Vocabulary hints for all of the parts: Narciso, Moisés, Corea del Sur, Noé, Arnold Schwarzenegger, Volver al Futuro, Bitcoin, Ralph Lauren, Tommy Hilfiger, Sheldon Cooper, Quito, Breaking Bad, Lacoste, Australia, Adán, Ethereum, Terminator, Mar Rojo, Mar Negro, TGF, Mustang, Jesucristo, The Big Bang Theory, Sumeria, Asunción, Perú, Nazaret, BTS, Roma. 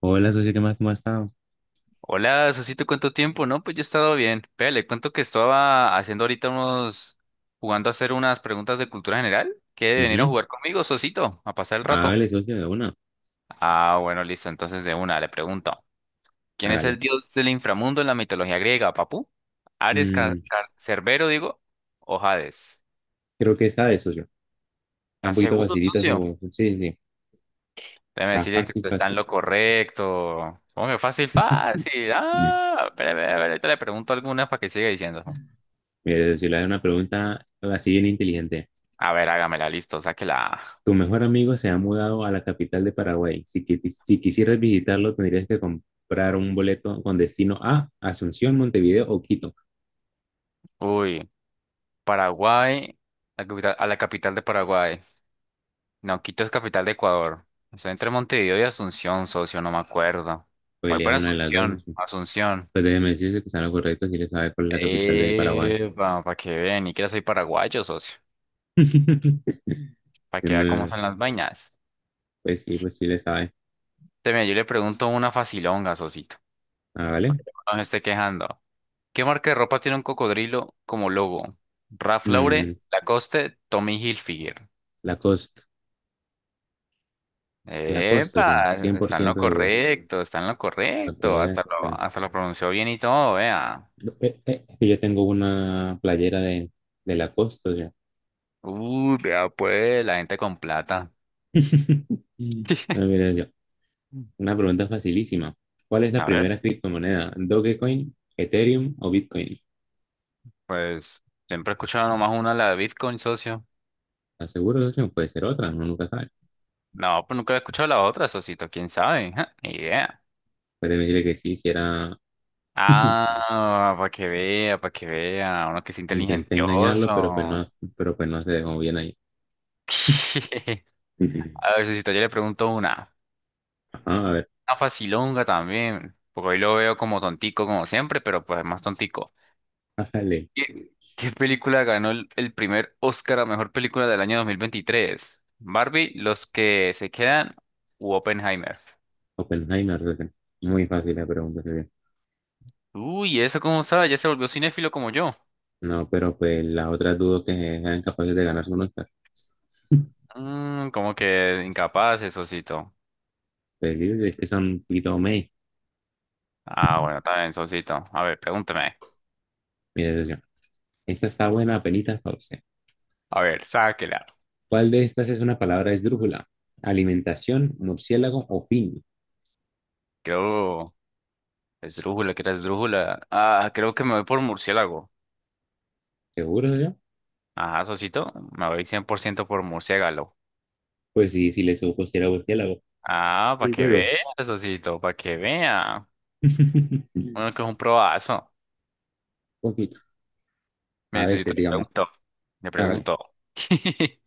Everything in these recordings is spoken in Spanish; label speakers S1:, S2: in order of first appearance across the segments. S1: Hola, socio, ¿qué más? ¿Cómo ha estado?
S2: Hola, Sosito, ¿cuánto tiempo? No, pues yo he estado bien. Vea, le cuento que estaba haciendo ahorita unos, jugando a hacer unas preguntas de cultura general. ¿Quiere venir a
S1: Ujú.
S2: jugar conmigo, Sosito? A pasar el rato.
S1: Hágale, socio, de una.
S2: Ah, bueno, listo. Entonces de una, le pregunto. ¿Quién es
S1: Hágalo.
S2: el dios del inframundo en la mitología griega, Papú? ¿Ares,
S1: Mm,
S2: Cerbero, digo? ¿O Hades?
S1: creo que esta de socio. Está un
S2: ¿Estás
S1: poquito
S2: seguro,
S1: facilita
S2: socio?
S1: su... Sí, sí.
S2: Déjeme
S1: Está
S2: decirle que
S1: fácil,
S2: usted está en
S1: fácil.
S2: lo correcto. Hombre, fácil, fácil.
S1: Mm.
S2: Ah, espere, espere, espere, ahorita le pregunto algunas para que siga diciendo.
S1: Mire, socio, le hago una pregunta así bien inteligente.
S2: A ver, hágamela, listo, sáquela.
S1: Tu mejor amigo se ha mudado a la capital de Paraguay. Si quisieras visitarlo, tendrías que comprar un boleto con destino a Asunción, Montevideo o Quito.
S2: Uy, Paraguay, a la capital de Paraguay. No, Quito es capital de Ecuador. Estoy entre Montevideo y Asunción, socio, no me acuerdo.
S1: Pues
S2: Voy
S1: elija
S2: por
S1: una de las dos,
S2: Asunción,
S1: socio.
S2: Asunción.
S1: Pues déjeme decirle que está lo correcto si le sabe cuál es la capital de Paraguay.
S2: Para que vean, ni siquiera soy paraguayo, socio. Para que vea cómo
S1: No,
S2: son las vainas.
S1: pues sí, pues sí le sabe.
S2: Teme, yo le pregunto una facilonga, socito.
S1: Ah, ¿vale?
S2: No me esté quejando. ¿Qué marca de ropa tiene un cocodrilo como logo? Ralph
S1: Mm,
S2: Lauren, Lacoste, Tommy Hilfiger.
S1: Lacoste. Lacoste, o sea,
S2: Epa,
S1: cien por
S2: está en lo
S1: ciento seguro.
S2: correcto, está en lo
S1: Para que
S2: correcto.
S1: veas,
S2: Hasta
S1: o
S2: lo,
S1: sea,
S2: hasta lo pronunció bien y todo, vea.
S1: no, yo tengo una playera de Lacoste, o sea.
S2: Uy, vea, pues, la gente con plata.
S1: Ah, mira, yo. Una pregunta facilísima. ¿Cuál es la
S2: A ver,
S1: primera criptomoneda? ¿Dogecoin, Ethereum o Bitcoin?
S2: pues, siempre he escuchado nomás una, la de Bitcoin, socio.
S1: ¿Estás seguro, socio? Puede ser otra, uno nunca sabe.
S2: No, pues nunca he escuchado la otra, socito, quién sabe. Ja, ni idea.
S1: Puede decirle que sí, si era...
S2: Ah, para que vea, para que vea. Uno que es
S1: Intenté engañarlo,
S2: inteligentioso.
S1: pero pues no se dejó bien ahí.
S2: A ver, socito, yo le pregunto una.
S1: Ajá, a ver,
S2: Una facilonga también, porque hoy lo veo como tontico como siempre, pero pues más tontico.
S1: bájale.
S2: ¿Qué película ganó el primer Oscar a mejor película del año 2023? ¿Barbie, Los que se quedan u Oppenheimer?
S1: Oppenheimer, socio. Muy fácil la pregunta.
S2: Uy, ¿eso cómo sabe? Ya se volvió cinéfilo como yo.
S1: No, pero pues las otras dudo que sean capaces de ganarse un Oscar.
S2: Mm, como que incapaz, Sosito.
S1: Perdidos es que son un poquito meh,
S2: Ah, bueno, también, Sosito. A ver, pregúntame.
S1: mi decepción. Esta está buena, penita para usted.
S2: A ver, sáquela.
S1: ¿Cuál de estas es una palabra esdrújula? ¿Alimentación, murciélago o fin?
S2: Creo... Esdrújula, ¿qué era esdrújula? Ah, creo que me voy por murciélago.
S1: ¿Seguro yo?
S2: Ajá, Sosito, me voy 100% por ciento por murciélago.
S1: Pues sí, si le supo si era murciélago.
S2: Ah, para que
S1: Primero.
S2: vea, Sosito, para que vea.
S1: Un
S2: Uno que es un probazo.
S1: poquito. A
S2: Mire,
S1: veces,
S2: Sosito, le
S1: digamos.
S2: pregunto. Le
S1: Hágale.
S2: pregunto.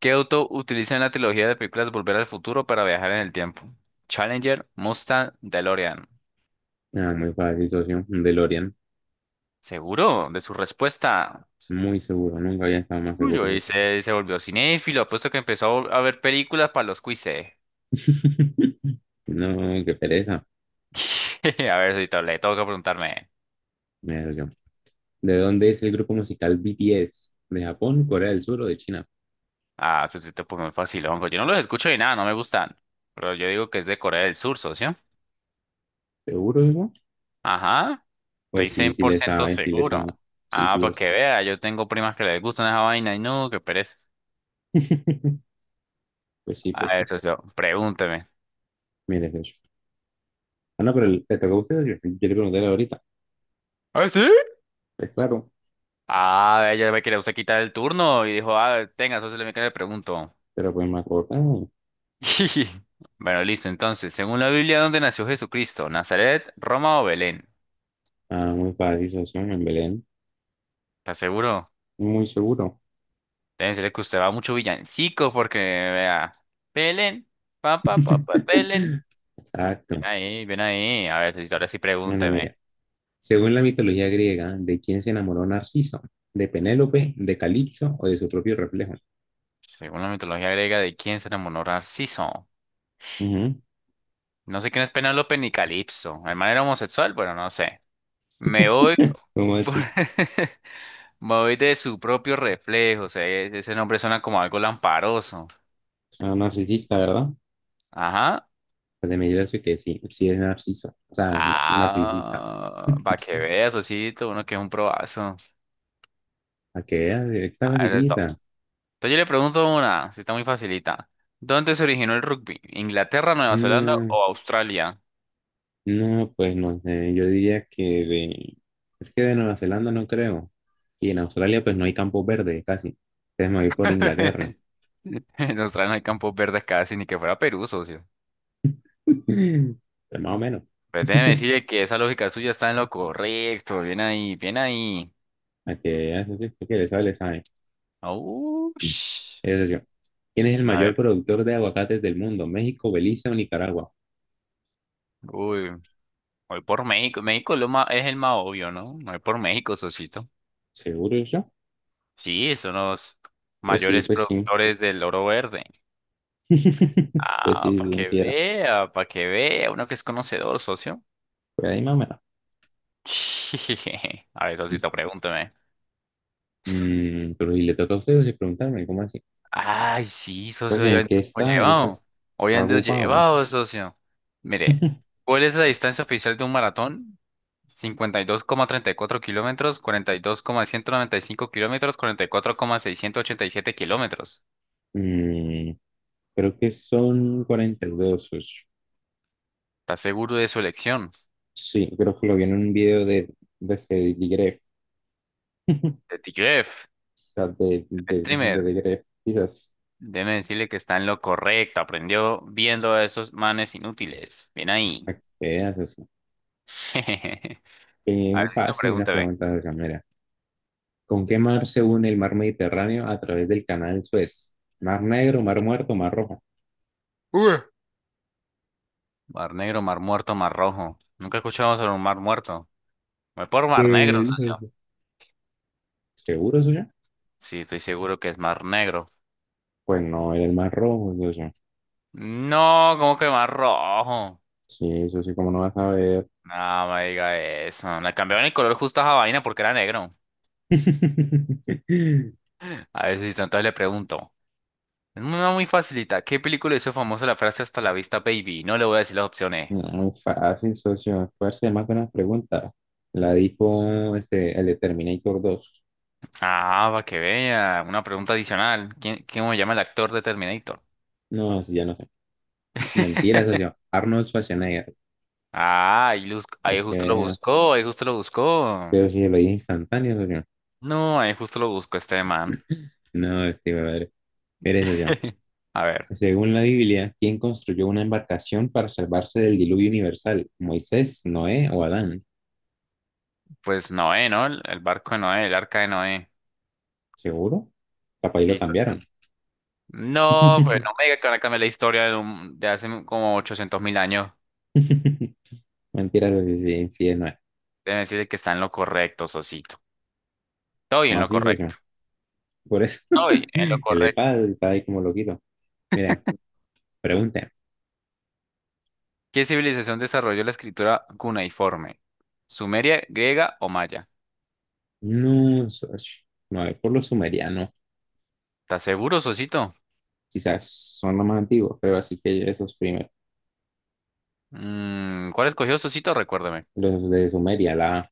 S2: ¿Qué auto utiliza en la trilogía de películas Volver al Futuro para viajar en el tiempo? Challenger, Mustang, DeLorean.
S1: Ah, muy fácil, socio. Un DeLorean.
S2: ¿Seguro de su respuesta?
S1: Muy seguro. Nunca había estado más
S2: Uy, hoy
S1: seguro.
S2: se volvió cinéfilo, apuesto que empezó a ver películas para los quizzes.
S1: No, qué pereza.
S2: A ver, Sosito, le tengo que preguntarme.
S1: Mi decepción. ¿De dónde es el grupo musical BTS? ¿De Japón, Corea del Sur o de China?
S2: Ah, eso sí te puso muy facilón. Pues yo no los escucho ni nada, no me gustan. Pero yo digo que es de Corea del Sur, socio.
S1: ¿Seguro, hijo?
S2: Ajá, estoy
S1: Pues sí,
S2: cien
S1: sí
S2: por
S1: le
S2: ciento
S1: sabe, sí le
S2: seguro.
S1: sabe. Sí,
S2: Ah,
S1: sí
S2: para que
S1: es.
S2: vea, yo tengo primas que les gustan esa vaina y no, qué pereza.
S1: Pues sí,
S2: A
S1: pues
S2: ver,
S1: sí.
S2: socio, pregúnteme.
S1: Mire, de hecho. Ah, no, pero le tocó a usted. Yo le pregunté ahorita.
S2: ¿Ah, sí?
S1: Pues claro,
S2: Ah, ella ve que le gusta quitar el turno y dijo, ah, tenga, socio, le me le pregunto.
S1: pero pues me acordaba.
S2: Bueno, listo, entonces, según la Biblia, ¿dónde nació Jesucristo? ¿Nazaret, Roma o Belén?
S1: Ah, muy fácil, socio, en Belén.
S2: ¿Estás seguro?
S1: Muy seguro.
S2: Debe ser que usted va mucho villancico porque vea. Belén, pa, pa, pa, pa, Belén. Ven
S1: Exacto.
S2: ahí, ven ahí. A ver, si, ahora sí
S1: Bueno,
S2: pregúnteme.
S1: mira, según la mitología griega, ¿de quién se enamoró Narciso? ¿De Penélope, de Calipso o de su propio reflejo?
S2: Según la mitología griega, ¿de quién se enamoró Narciso?
S1: Ujú.
S2: No sé quién es Penélope ni Calipso. ¿El man era homosexual? Bueno, no sé. Me voy
S1: ¿Cómo
S2: por-
S1: así?
S2: Me voy de su propio reflejo. O sea, ese nombre suena como algo lamparoso.
S1: Sea, narcisista, ¿verdad?
S2: Ajá.
S1: Pues de medida eso que sí, sí es narciso, o sea, narcisista.
S2: Ah, para que veas, Osito, uno que es un probazo.
S1: A que vea, estaba
S2: A ver, entonces
S1: dirigida.
S2: yo le pregunto una, si está muy facilita. ¿Dónde se originó el rugby? ¿Inglaterra, Nueva Zelanda
S1: No,
S2: o Australia?
S1: no, pues no sé, yo diría que de, es que de Nueva Zelanda no creo. Y en Australia pues no hay campo verde casi. Entonces me voy por Inglaterra.
S2: En Australia no hay campos verdes casi, ni que fuera Perú, socio.
S1: Pero más o menos.
S2: Pues déjeme decirle que esa lógica suya está en lo correcto. Bien ahí, bien ahí.
S1: A que vea, eso sí, que le sabe, le sabe.
S2: Aush.
S1: Es decir, ¿quién es el
S2: A
S1: mayor
S2: ver,
S1: productor de aguacates del mundo? ¿México, Belice o Nicaragua?
S2: uy, voy por México. México es, es el más obvio, ¿no? Voy por México, socito.
S1: ¿Seguro yo?
S2: Sí, son los
S1: Pues sí,
S2: mayores
S1: pues sí.
S2: productores del oro verde.
S1: Pues
S2: Ah,
S1: sí, sí, sí era.
S2: para que vea, uno que es conocedor, socio.
S1: Por ahí más o menos.
S2: A ver, Osito, pregúntame.
S1: Mm, pero si le toca a ustedes preguntarme, ¿cómo así?
S2: Ay, sí, socio,
S1: Entonces,
S2: yo
S1: ¿en
S2: ando
S1: qué
S2: como
S1: está? ¿En qué estás?
S2: llevado. Hoy
S1: ¿Está
S2: ando
S1: ocupado?
S2: llevado, socio. Mire, ¿cuál es la distancia oficial de un maratón? 52,34 kilómetros, cuarenta y dos coma ciento noventa y cinco kilómetros, cuarenta y cuatro coma seiscientos ochenta y siete kilómetros.
S1: Mm, creo que son 42.
S2: ¿Estás seguro de su elección?
S1: Sí, creo que lo vi en un video de este Digref,
S2: De TGF,
S1: quizás de
S2: streamer.
S1: Digref, quizás.
S2: Déjeme decirle que está en lo correcto. Aprendió viendo a esos manes inútiles. Bien ahí.
S1: Para que veas, o sea,
S2: A ver, Osito,
S1: fácil la
S2: pregúntame.
S1: pregunta de mira. ¿Con qué mar se une el mar Mediterráneo a través del canal Suez? ¿Mar Negro, Mar Muerto, Mar Rojo?
S2: Uy. Mar negro, mar muerto, mar rojo. Nunca escuchamos sobre un mar muerto. Voy por mar negro,
S1: Pues,
S2: socio.
S1: ¿seguro eso ya?
S2: Sí, estoy seguro que es mar negro.
S1: Pues no, era el más rojo, es eso.
S2: No, ¿cómo que mar rojo?
S1: Sí, eso sí, como no vas a ver.
S2: No, no me diga eso. Le cambiaron el color justo a esa vaina porque era negro. A ver si entonces le pregunto. Es una muy facilita. ¿Qué película hizo famosa la frase hasta la vista, baby? No le voy a decir las opciones.
S1: No, fácil, socio. Fuerza más buenas preguntas. La dijo este, el de Terminator 2.
S2: Ah, para que vea. Una pregunta adicional. ¿Quién, cómo se llama el actor de Terminator?
S1: No, así ya no sé. Mentira, socio. Arnold Schwarzenegger.
S2: Ah, ahí,
S1: ¿Para
S2: ahí justo lo
S1: qué?
S2: buscó, ahí justo lo buscó.
S1: Pero si lo dije instantáneo, socio.
S2: No, ahí justo lo busco este man.
S1: No, este, brother. Eres, socio.
S2: A ver,
S1: Según la Biblia, ¿quién construyó una embarcación para salvarse del diluvio universal? ¿Moisés, Noé o Adán?
S2: pues Noé, ¿no? El barco de Noé, el arca de Noé.
S1: ¿Seguro? Capaz ahí lo
S2: Sí, socio.
S1: cambiaron.
S2: No, pues no me diga que van a cambiar la historia de hace como 800.000 años.
S1: Mentira, pero sí, sí, sí es nuevo.
S2: Deben decirle que está en lo correcto, socito. Estoy en lo
S1: Macizo, sí.
S2: correcto.
S1: Por eso,
S2: Estoy en lo
S1: el
S2: correcto.
S1: EPAD está ahí como loquito. Mira, pregunta.
S2: ¿Qué civilización desarrolló la escritura cuneiforme? ¿Sumeria, griega o maya?
S1: No, a ver, por los sumerianos,
S2: ¿Estás seguro, socito?
S1: quizás son los más antiguos, pero así que esos primeros,
S2: Mm, ¿cuál escogió, socito? Recuérdame.
S1: los de Sumeria, la...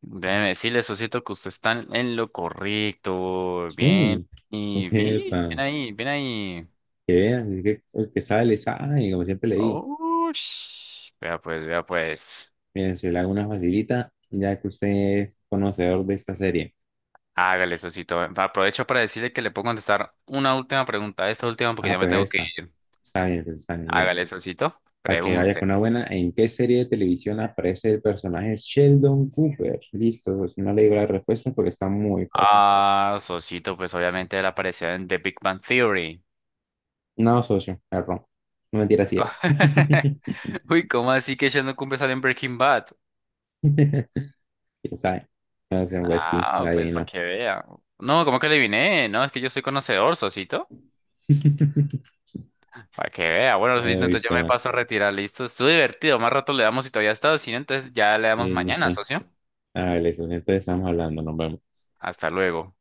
S2: Déjeme decirle, socito, que usted está en lo correcto. Bien,
S1: Sí,
S2: y bien, bien
S1: epa,
S2: ahí, bien ahí.
S1: que vean, es que el que sabe le sabe, como siempre le digo.
S2: Oh, vea pues, vea pues.
S1: Miren, si le hago una facilita, ya que usted es conocedor de esta serie.
S2: Hágale, socito. Aprovecho para decirle que le puedo contestar una última pregunta. Esta última porque
S1: Ah,
S2: ya me
S1: pues
S2: tengo que
S1: esta.
S2: ir.
S1: Está bien, pues está bien, mire.
S2: Hágale, socito.
S1: Para que vaya con
S2: Pregunte.
S1: una buena. ¿En qué serie de televisión aparece el personaje Sheldon Cooper? Listo, pues no le digo la respuesta porque está muy fácil.
S2: Ah, socito, pues obviamente él apareció en The Big Bang Theory.
S1: No, socio, error. No mentira, sí era.
S2: Uy, ¿cómo así que ella no cumple salir en Breaking Bad?
S1: ¿Quién sabe? Entonces, pues sí,
S2: Ah,
S1: la
S2: pues para
S1: adivinó.
S2: que vea. No, ¿cómo que adiviné? No, es que yo soy conocedor, Sosito. Para que vea. Bueno, Sosito,
S1: Ay,
S2: entonces yo
S1: viste,
S2: me
S1: man.
S2: paso a retirar. Listo, estuvo divertido. Más rato le damos si todavía está, si no, entonces ya le damos
S1: Sí, sí,
S2: mañana,
S1: sí.
S2: socio.
S1: A ver, socio, entonces estamos hablando, nos vemos.
S2: Hasta luego.